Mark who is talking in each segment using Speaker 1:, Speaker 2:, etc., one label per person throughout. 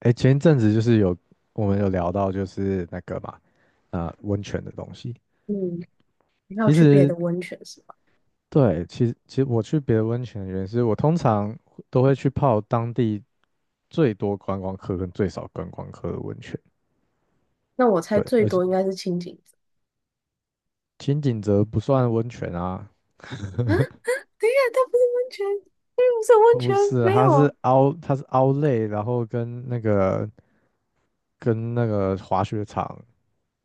Speaker 1: 哎，前一阵子就是有我们聊到就是那个嘛，温泉的东西。
Speaker 2: 嗯，你还有
Speaker 1: 其
Speaker 2: 去别
Speaker 1: 实
Speaker 2: 的温泉是吧？
Speaker 1: 对，其实我去别的温泉的原因是我通常都会去泡当地最多观光客跟最少观光客的温泉。
Speaker 2: 那我猜
Speaker 1: 对，
Speaker 2: 最
Speaker 1: 而且
Speaker 2: 多应该是清景泽。
Speaker 1: 金景泽不算温泉啊，
Speaker 2: 啊啊，等一下，它不是温泉，
Speaker 1: 不是，
Speaker 2: 没
Speaker 1: 它是
Speaker 2: 有。
Speaker 1: 凹类，然后跟那个滑雪场，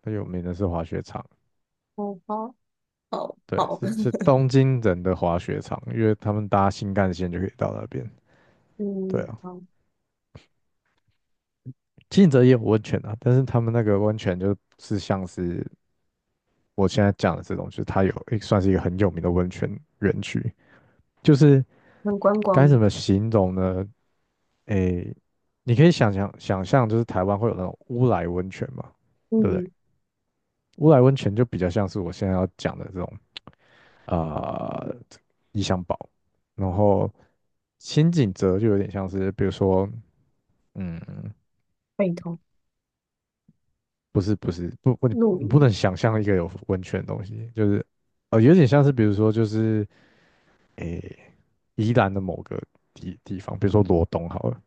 Speaker 1: 它有名的是滑雪场。
Speaker 2: 哦，好，好，
Speaker 1: 对，
Speaker 2: 好，
Speaker 1: 是 东京人的滑雪场，因为他们搭新干线就可以到那边。对
Speaker 2: 嗯，
Speaker 1: 啊，
Speaker 2: 好，
Speaker 1: 经营者也有温泉啊，但是他们那个温泉就是像是我现在讲的这种，就是它有算是一个很有名的温泉园区，就是
Speaker 2: 很观
Speaker 1: 该
Speaker 2: 光。
Speaker 1: 怎么形容呢？诶，你可以想象，就是台湾会有那种乌来温泉嘛，对不对？
Speaker 2: 嗯，
Speaker 1: 乌来温泉就比较像是我现在要讲的这种呃意象堡，然后新井泽就有点像是，比如说嗯。
Speaker 2: 北投。
Speaker 1: 不是不是不不，你
Speaker 2: 鹿
Speaker 1: 你不
Speaker 2: 野，
Speaker 1: 能想象一个有温泉的东西，就是有点像是比如说就是诶、宜兰的某个地方，比如说罗东好了，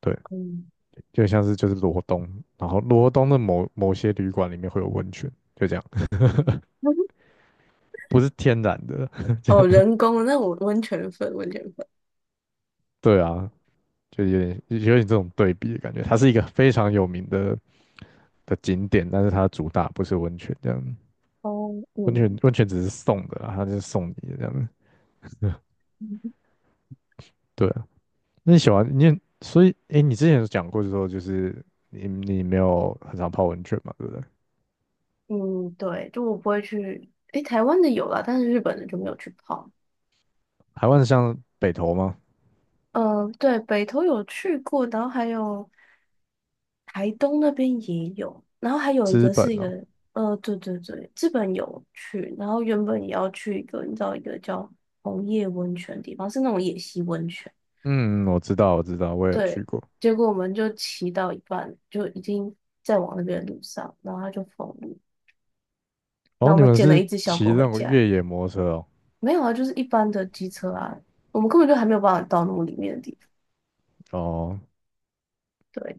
Speaker 1: 对，
Speaker 2: 嗯，
Speaker 1: 就是罗东，然后罗东的某些旅馆里面会有温泉，就这样，不是天然的，
Speaker 2: 哦，人工的，那我温泉粉，温泉粉，
Speaker 1: 对啊，就有点有点这种对比的感觉，它是一个非常有名的景点，但是它主打不是温泉这样，
Speaker 2: 哦，
Speaker 1: 温泉
Speaker 2: 嗯，
Speaker 1: 温泉只是送的啊它就是送你的这样，对啊那你喜欢你也所以诶，你之前有讲过就说，就是你没有很常泡温泉嘛，对不对？
Speaker 2: 嗯，对，就我不会去，诶，台湾的有啦，但是日本的就没有去泡。
Speaker 1: 台湾像北投吗？
Speaker 2: 嗯，对，北投有去过，然后还有台东那边也有，然后还有一
Speaker 1: 资
Speaker 2: 个
Speaker 1: 本
Speaker 2: 是一
Speaker 1: 哦，
Speaker 2: 个，对对对，日本有去，然后原本也要去一个，你知道一个叫红叶温泉的地方，是那种野溪温泉，
Speaker 1: 嗯，我知道，我知道，我也有去
Speaker 2: 对，
Speaker 1: 过。
Speaker 2: 结果我们就骑到一半，就已经在往那边的路上，然后他就封路，然
Speaker 1: 哦，
Speaker 2: 后我
Speaker 1: 你
Speaker 2: 们
Speaker 1: 们
Speaker 2: 捡了
Speaker 1: 是
Speaker 2: 一只小
Speaker 1: 骑
Speaker 2: 狗
Speaker 1: 那
Speaker 2: 回
Speaker 1: 种
Speaker 2: 家，
Speaker 1: 越野摩托车哦，
Speaker 2: 没有啊，就是一般的机车啊，我们根本就还没有办法到那么里面的地方，
Speaker 1: 哦，
Speaker 2: 对，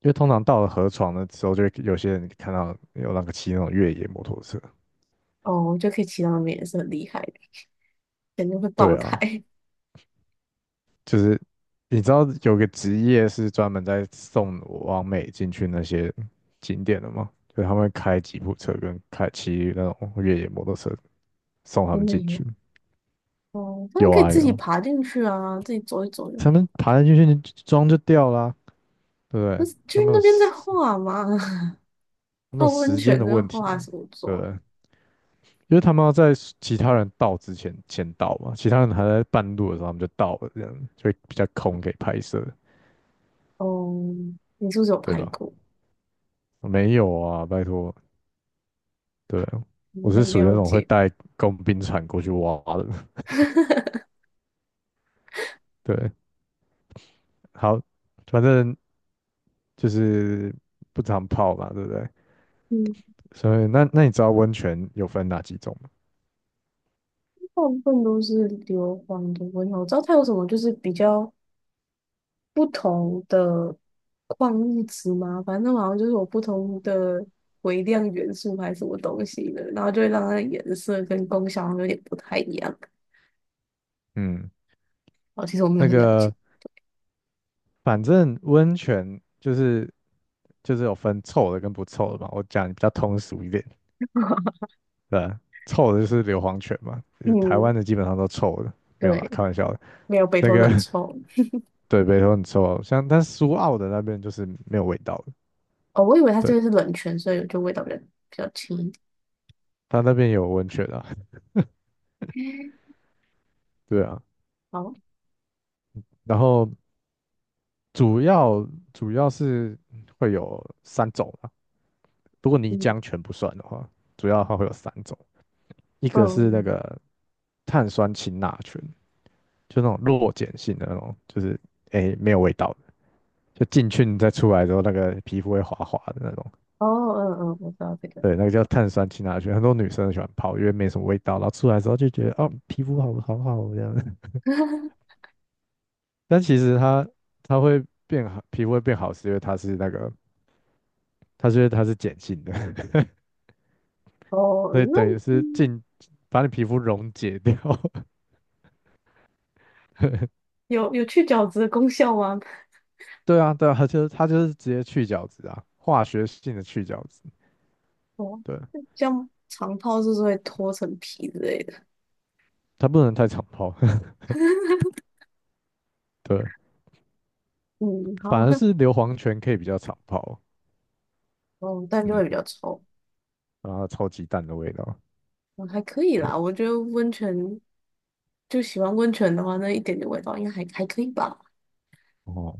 Speaker 1: 因为通常到了河床的时候，就会有些人看到有那个骑那种越野摩托车。
Speaker 2: 哦，我觉得可以骑到那边也是很厉害的。肯定会爆
Speaker 1: 对
Speaker 2: 胎，
Speaker 1: 啊，就是你知道有个职业是专门在送往美进去那些景点的吗？就是他们会开吉普车跟骑那种越野摩托车送 他们
Speaker 2: 真的
Speaker 1: 进去。
Speaker 2: 有。哦，他们
Speaker 1: 有
Speaker 2: 可以
Speaker 1: 啊
Speaker 2: 自
Speaker 1: 有
Speaker 2: 己
Speaker 1: 啊，
Speaker 2: 爬进去啊，自己走一走就，
Speaker 1: 他们爬进去装就掉啦、对不
Speaker 2: 但
Speaker 1: 对？
Speaker 2: 是就是那边在画嘛，
Speaker 1: 他 们有
Speaker 2: 泡温
Speaker 1: 时间
Speaker 2: 泉
Speaker 1: 的
Speaker 2: 在
Speaker 1: 问
Speaker 2: 画
Speaker 1: 题，
Speaker 2: 什么
Speaker 1: 对不
Speaker 2: 妆？
Speaker 1: 对？因为他们要在其他人到之前先到嘛，其他人还在半路的时候他们就到了，这样就会比较空给拍摄，
Speaker 2: 哦，你是不是有
Speaker 1: 对
Speaker 2: 拍
Speaker 1: 吧？
Speaker 2: 过？
Speaker 1: 没有啊，拜托，对，我
Speaker 2: 我
Speaker 1: 是
Speaker 2: 很
Speaker 1: 属于那
Speaker 2: 了
Speaker 1: 种会
Speaker 2: 解。
Speaker 1: 带工兵铲过去挖的。对，好，反正就是不常泡嘛，对不对？
Speaker 2: 嗯，
Speaker 1: 所以那你知道温泉有分哪几种吗？
Speaker 2: 大部分都是硫磺的味道。我知道它有什么就是比较不同的矿物质嘛，反正好像就是有不同的微量元素还是什么东西的，然后就会让它的颜色跟功效好像有点不太一样。
Speaker 1: 嗯，
Speaker 2: 哦，其实我没有
Speaker 1: 那
Speaker 2: 很了解。
Speaker 1: 个反正温泉就是有分臭的跟不臭的嘛。我讲比较通俗一点，对啊臭的就是硫磺泉嘛，就是台
Speaker 2: 嗯，
Speaker 1: 湾的基本上都臭的，没有啦，
Speaker 2: 对，
Speaker 1: 开玩笑的。
Speaker 2: 没有，北
Speaker 1: 那
Speaker 2: 投的
Speaker 1: 个
Speaker 2: 很臭。
Speaker 1: 对，北投很臭啊像但苏澳的那边就是没有味道的，
Speaker 2: 哦，我以为它这
Speaker 1: 对，
Speaker 2: 个是冷泉，所以就味道比较比较轻一
Speaker 1: 它那边有温泉啊。
Speaker 2: 点。
Speaker 1: 对啊，
Speaker 2: 好，
Speaker 1: 然后主要主要是会有三种啊，如果泥
Speaker 2: 嗯
Speaker 1: 浆全不算的话，主要它会有三种，一个是那
Speaker 2: 嗯，
Speaker 1: 个碳酸氢钠醛，就那种弱碱性的那种，就是没有味道的，就进去你再出来之后，那个皮肤会滑滑的那种。
Speaker 2: 哦，嗯嗯，我知道这个。
Speaker 1: 对，那个叫碳酸氢钠醛，很多女生喜欢泡，因为没什么味道，然后出来之后就觉得哦，皮肤好好好哦这样。但其实它会变好，皮肤会变好，是因为它是那个，因为它是碱性的，
Speaker 2: 哦，
Speaker 1: 所以
Speaker 2: 那
Speaker 1: 等于是
Speaker 2: 嗯，
Speaker 1: 进把你皮肤溶解掉。
Speaker 2: 有有去角质的功效吗？
Speaker 1: 对啊，对啊，它就是直接去角质啊，化学性的去角质。
Speaker 2: 哦，
Speaker 1: 对，
Speaker 2: 像长泡是不是会脱层皮之类的？
Speaker 1: 它不能太常泡。对，
Speaker 2: 嗯，
Speaker 1: 反
Speaker 2: 好，
Speaker 1: 而是 硫磺泉可以比较常泡。
Speaker 2: 哦，但就
Speaker 1: 嗯，
Speaker 2: 会比较臭。
Speaker 1: 然后超级淡的味道。
Speaker 2: 哦，还可以
Speaker 1: 对，
Speaker 2: 啦，我觉得温泉就喜欢温泉的话，那一点点味道应该还还可以吧，
Speaker 1: 哦，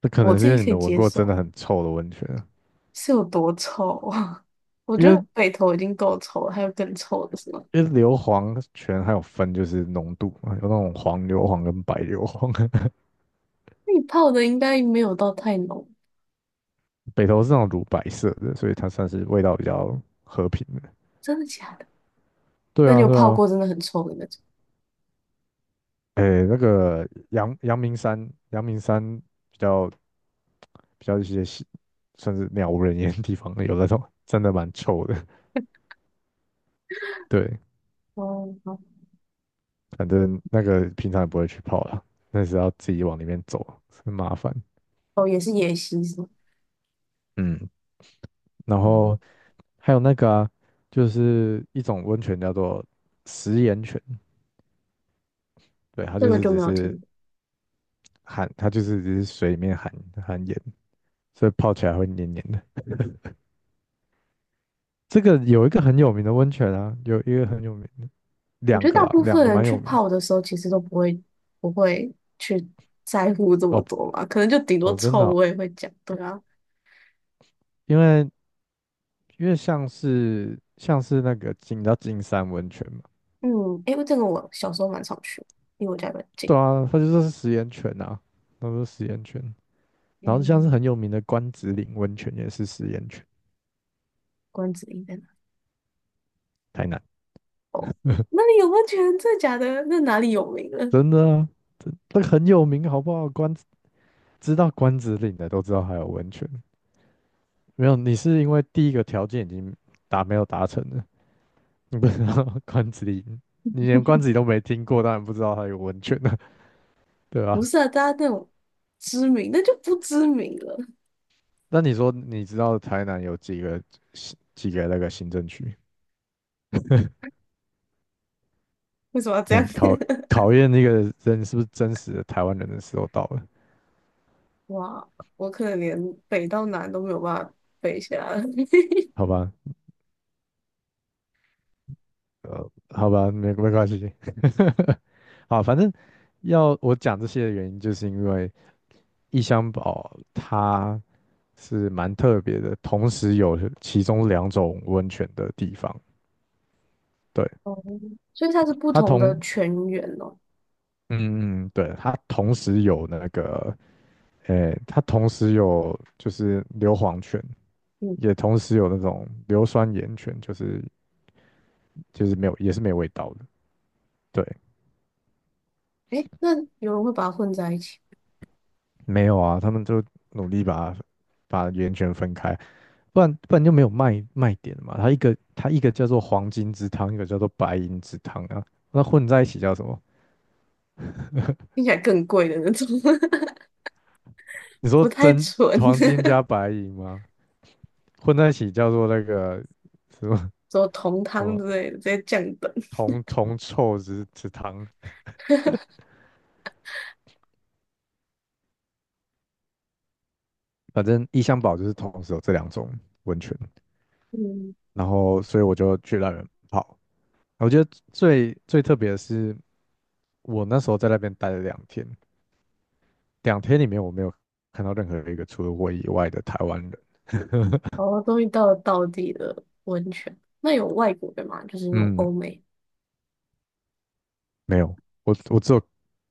Speaker 1: 这可
Speaker 2: 我
Speaker 1: 能是
Speaker 2: 自
Speaker 1: 因
Speaker 2: 己
Speaker 1: 为你
Speaker 2: 可
Speaker 1: 没
Speaker 2: 以
Speaker 1: 闻
Speaker 2: 接
Speaker 1: 过真
Speaker 2: 受。
Speaker 1: 的很臭的温泉啊，
Speaker 2: 是有多臭啊？我
Speaker 1: 因
Speaker 2: 觉
Speaker 1: 为
Speaker 2: 得北投已经够臭了，还有更臭的是吗？
Speaker 1: 因为硫磺泉还有分就是浓度嘛，有那种黄硫磺跟白硫磺，
Speaker 2: 那你泡的应该没有到太浓，
Speaker 1: 北投是那种乳白色的，所以它算是味道比较和平的。
Speaker 2: 真的假的？
Speaker 1: 对
Speaker 2: 那你
Speaker 1: 啊，
Speaker 2: 有
Speaker 1: 对
Speaker 2: 泡
Speaker 1: 啊，
Speaker 2: 过真的很臭的那种？
Speaker 1: 诶，那个阳明山，阳明山比较比较一些是算是鸟无人烟的地方，有那种真的蛮臭的。对，
Speaker 2: 哦，好。
Speaker 1: 反正那个平常也不会去泡啦，那是要自己往里面走，很麻烦。
Speaker 2: 哦，也是野溪是吗？
Speaker 1: 嗯，然
Speaker 2: 嗯，
Speaker 1: 后还有那个啊，就是一种温泉叫做食盐泉，对，它
Speaker 2: 这
Speaker 1: 就
Speaker 2: 个
Speaker 1: 是
Speaker 2: 就
Speaker 1: 只
Speaker 2: 没有
Speaker 1: 是
Speaker 2: 听过。
Speaker 1: 含，它就是只是水里面含盐，所以泡起来会黏黏的。这个有一个很有名的温泉啊，有一个很有名。
Speaker 2: 我觉
Speaker 1: 两
Speaker 2: 得
Speaker 1: 个
Speaker 2: 大
Speaker 1: 啦，
Speaker 2: 部
Speaker 1: 两
Speaker 2: 分
Speaker 1: 个
Speaker 2: 人
Speaker 1: 蛮
Speaker 2: 去
Speaker 1: 有名
Speaker 2: 泡的时候，其实都不会不会去在乎这么
Speaker 1: 哦
Speaker 2: 多吧，可能就顶多
Speaker 1: 哦，真的
Speaker 2: 臭
Speaker 1: 哦，
Speaker 2: 味会讲。对啊，
Speaker 1: 因为因为像是那个金，叫知道金山温泉嘛？
Speaker 2: 嗯，诶，这个我小时候蛮常去，因为我家比较近。
Speaker 1: 对啊，它就说是食盐泉啊，他说食盐泉。然后像是
Speaker 2: 嗯，
Speaker 1: 很有名的关子岭温泉也是食盐泉，
Speaker 2: 关子岭在哪？
Speaker 1: 台南
Speaker 2: 那里有温泉？真得这假的？那哪里有名了？
Speaker 1: 真的啊，这个很有名好不好？知道关子岭的都知道还有温泉，没有你是因为第一个条件已经没有达成了，你不知道 关子岭，你连关子岭都没听过，当然不知道它有温泉了，对
Speaker 2: 不
Speaker 1: 吧、
Speaker 2: 是啊，大家那种知名，那就不知名了。
Speaker 1: 那你说你知道台南有几个行几个那个行政区？
Speaker 2: 为什么要这
Speaker 1: 你看
Speaker 2: 样？
Speaker 1: 考验那个人是不是真实的台湾人的时候到了，
Speaker 2: 哇，我可能连北到南都没有办法背下来。
Speaker 1: 好吧，好吧，没关系，好，反正要我讲这些的原因，就是因为异乡堡它是蛮特别的，同时有其中两种温泉的地方，对，
Speaker 2: 哦，所以它是不
Speaker 1: 它
Speaker 2: 同
Speaker 1: 同
Speaker 2: 的泉源哦。
Speaker 1: 嗯，嗯，嗯对，它同时有那个，诶，它同时有就是硫磺泉。
Speaker 2: 嗯，
Speaker 1: 也同时有那种硫酸盐泉，就是就是没有也是没有味道的。对，
Speaker 2: 诶，那有人会把它混在一起，
Speaker 1: 没有啊，他们就努力把盐泉分开，不然就没有卖点嘛。它一个叫做黄金之汤，一个叫做白银之汤啊，那混在一起叫什么？
Speaker 2: 听起来更贵的那种，
Speaker 1: 你 说
Speaker 2: 不太
Speaker 1: 真
Speaker 2: 纯，
Speaker 1: 黄金
Speaker 2: 什
Speaker 1: 加白银吗？混在一起叫做那个什么
Speaker 2: 么同
Speaker 1: 什
Speaker 2: 汤
Speaker 1: 么
Speaker 2: 之类的，直接降等。
Speaker 1: 铜臭之汤，反正异箱宝就是同时有这两种温泉，
Speaker 2: 嗯，
Speaker 1: 然后所以我就去让人泡。我觉得最特别的是，我那时候在那边待了两天，两天里面我没有看到任何一个除了我以外的台湾人。
Speaker 2: 哦，终于到了道地的温泉。那有外国的吗？就是那种
Speaker 1: 嗯，
Speaker 2: 欧美。
Speaker 1: 没有，我我只有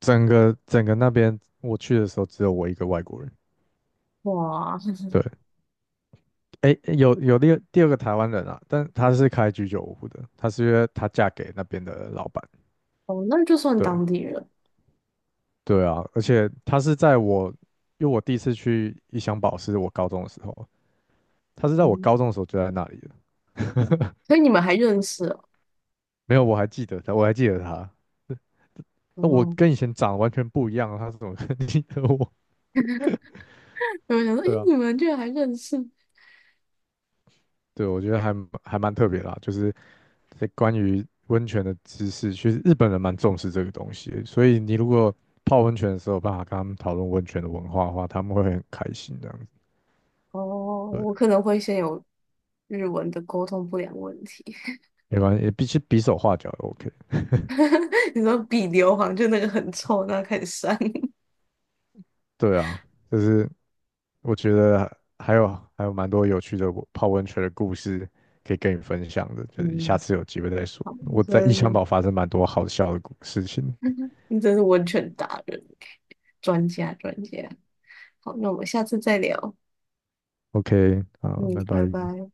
Speaker 1: 整个那边我去的时候只有我一个外国人。
Speaker 2: 哇，
Speaker 1: 对，诶，有第二个台湾人啊，但他是开居酒屋的，他是因为他嫁给那边的老板。
Speaker 2: 哦，那就算
Speaker 1: 对
Speaker 2: 当地人。
Speaker 1: 对啊，而且他是在我，因为我第一次去一箱宝是我高中的时候，他是在我高
Speaker 2: 嗯。
Speaker 1: 中的时候就在那里的。
Speaker 2: 所以你们还认识哦？
Speaker 1: 没有，我还记得他，我还记得他。那我
Speaker 2: 哦，
Speaker 1: 跟以前长得完全不一样啊，他怎么可能记得我？
Speaker 2: 我想 说，诶，
Speaker 1: 对啊，
Speaker 2: 你们居然还认识？
Speaker 1: 对，我觉得还蛮特别啦，就是在关于温泉的知识，其实日本人蛮重视这个东西的所以你如果泡温泉的时候有办法跟他们讨论温泉的文化的话，他们会很开心这样子。
Speaker 2: 哦，
Speaker 1: 对，
Speaker 2: 我可能会先有日文的沟通不良问题。
Speaker 1: 没关系，比起比手画脚也 OK。
Speaker 2: 你说比硫磺就那个很臭，那开始删。
Speaker 1: 对啊，就是我觉得还有还有蛮多有趣的我泡温泉的故事可以跟你分享的，就是下
Speaker 2: 嗯，
Speaker 1: 次有机会再说。
Speaker 2: 好，你
Speaker 1: 我
Speaker 2: 真
Speaker 1: 在异
Speaker 2: 的
Speaker 1: 乡
Speaker 2: 是，
Speaker 1: 堡发生蛮多好笑的故事情。
Speaker 2: 你真是温泉达人，专家专家。好，那我们下次再聊。
Speaker 1: OK，好，
Speaker 2: 嗯，
Speaker 1: 拜拜。
Speaker 2: 拜拜。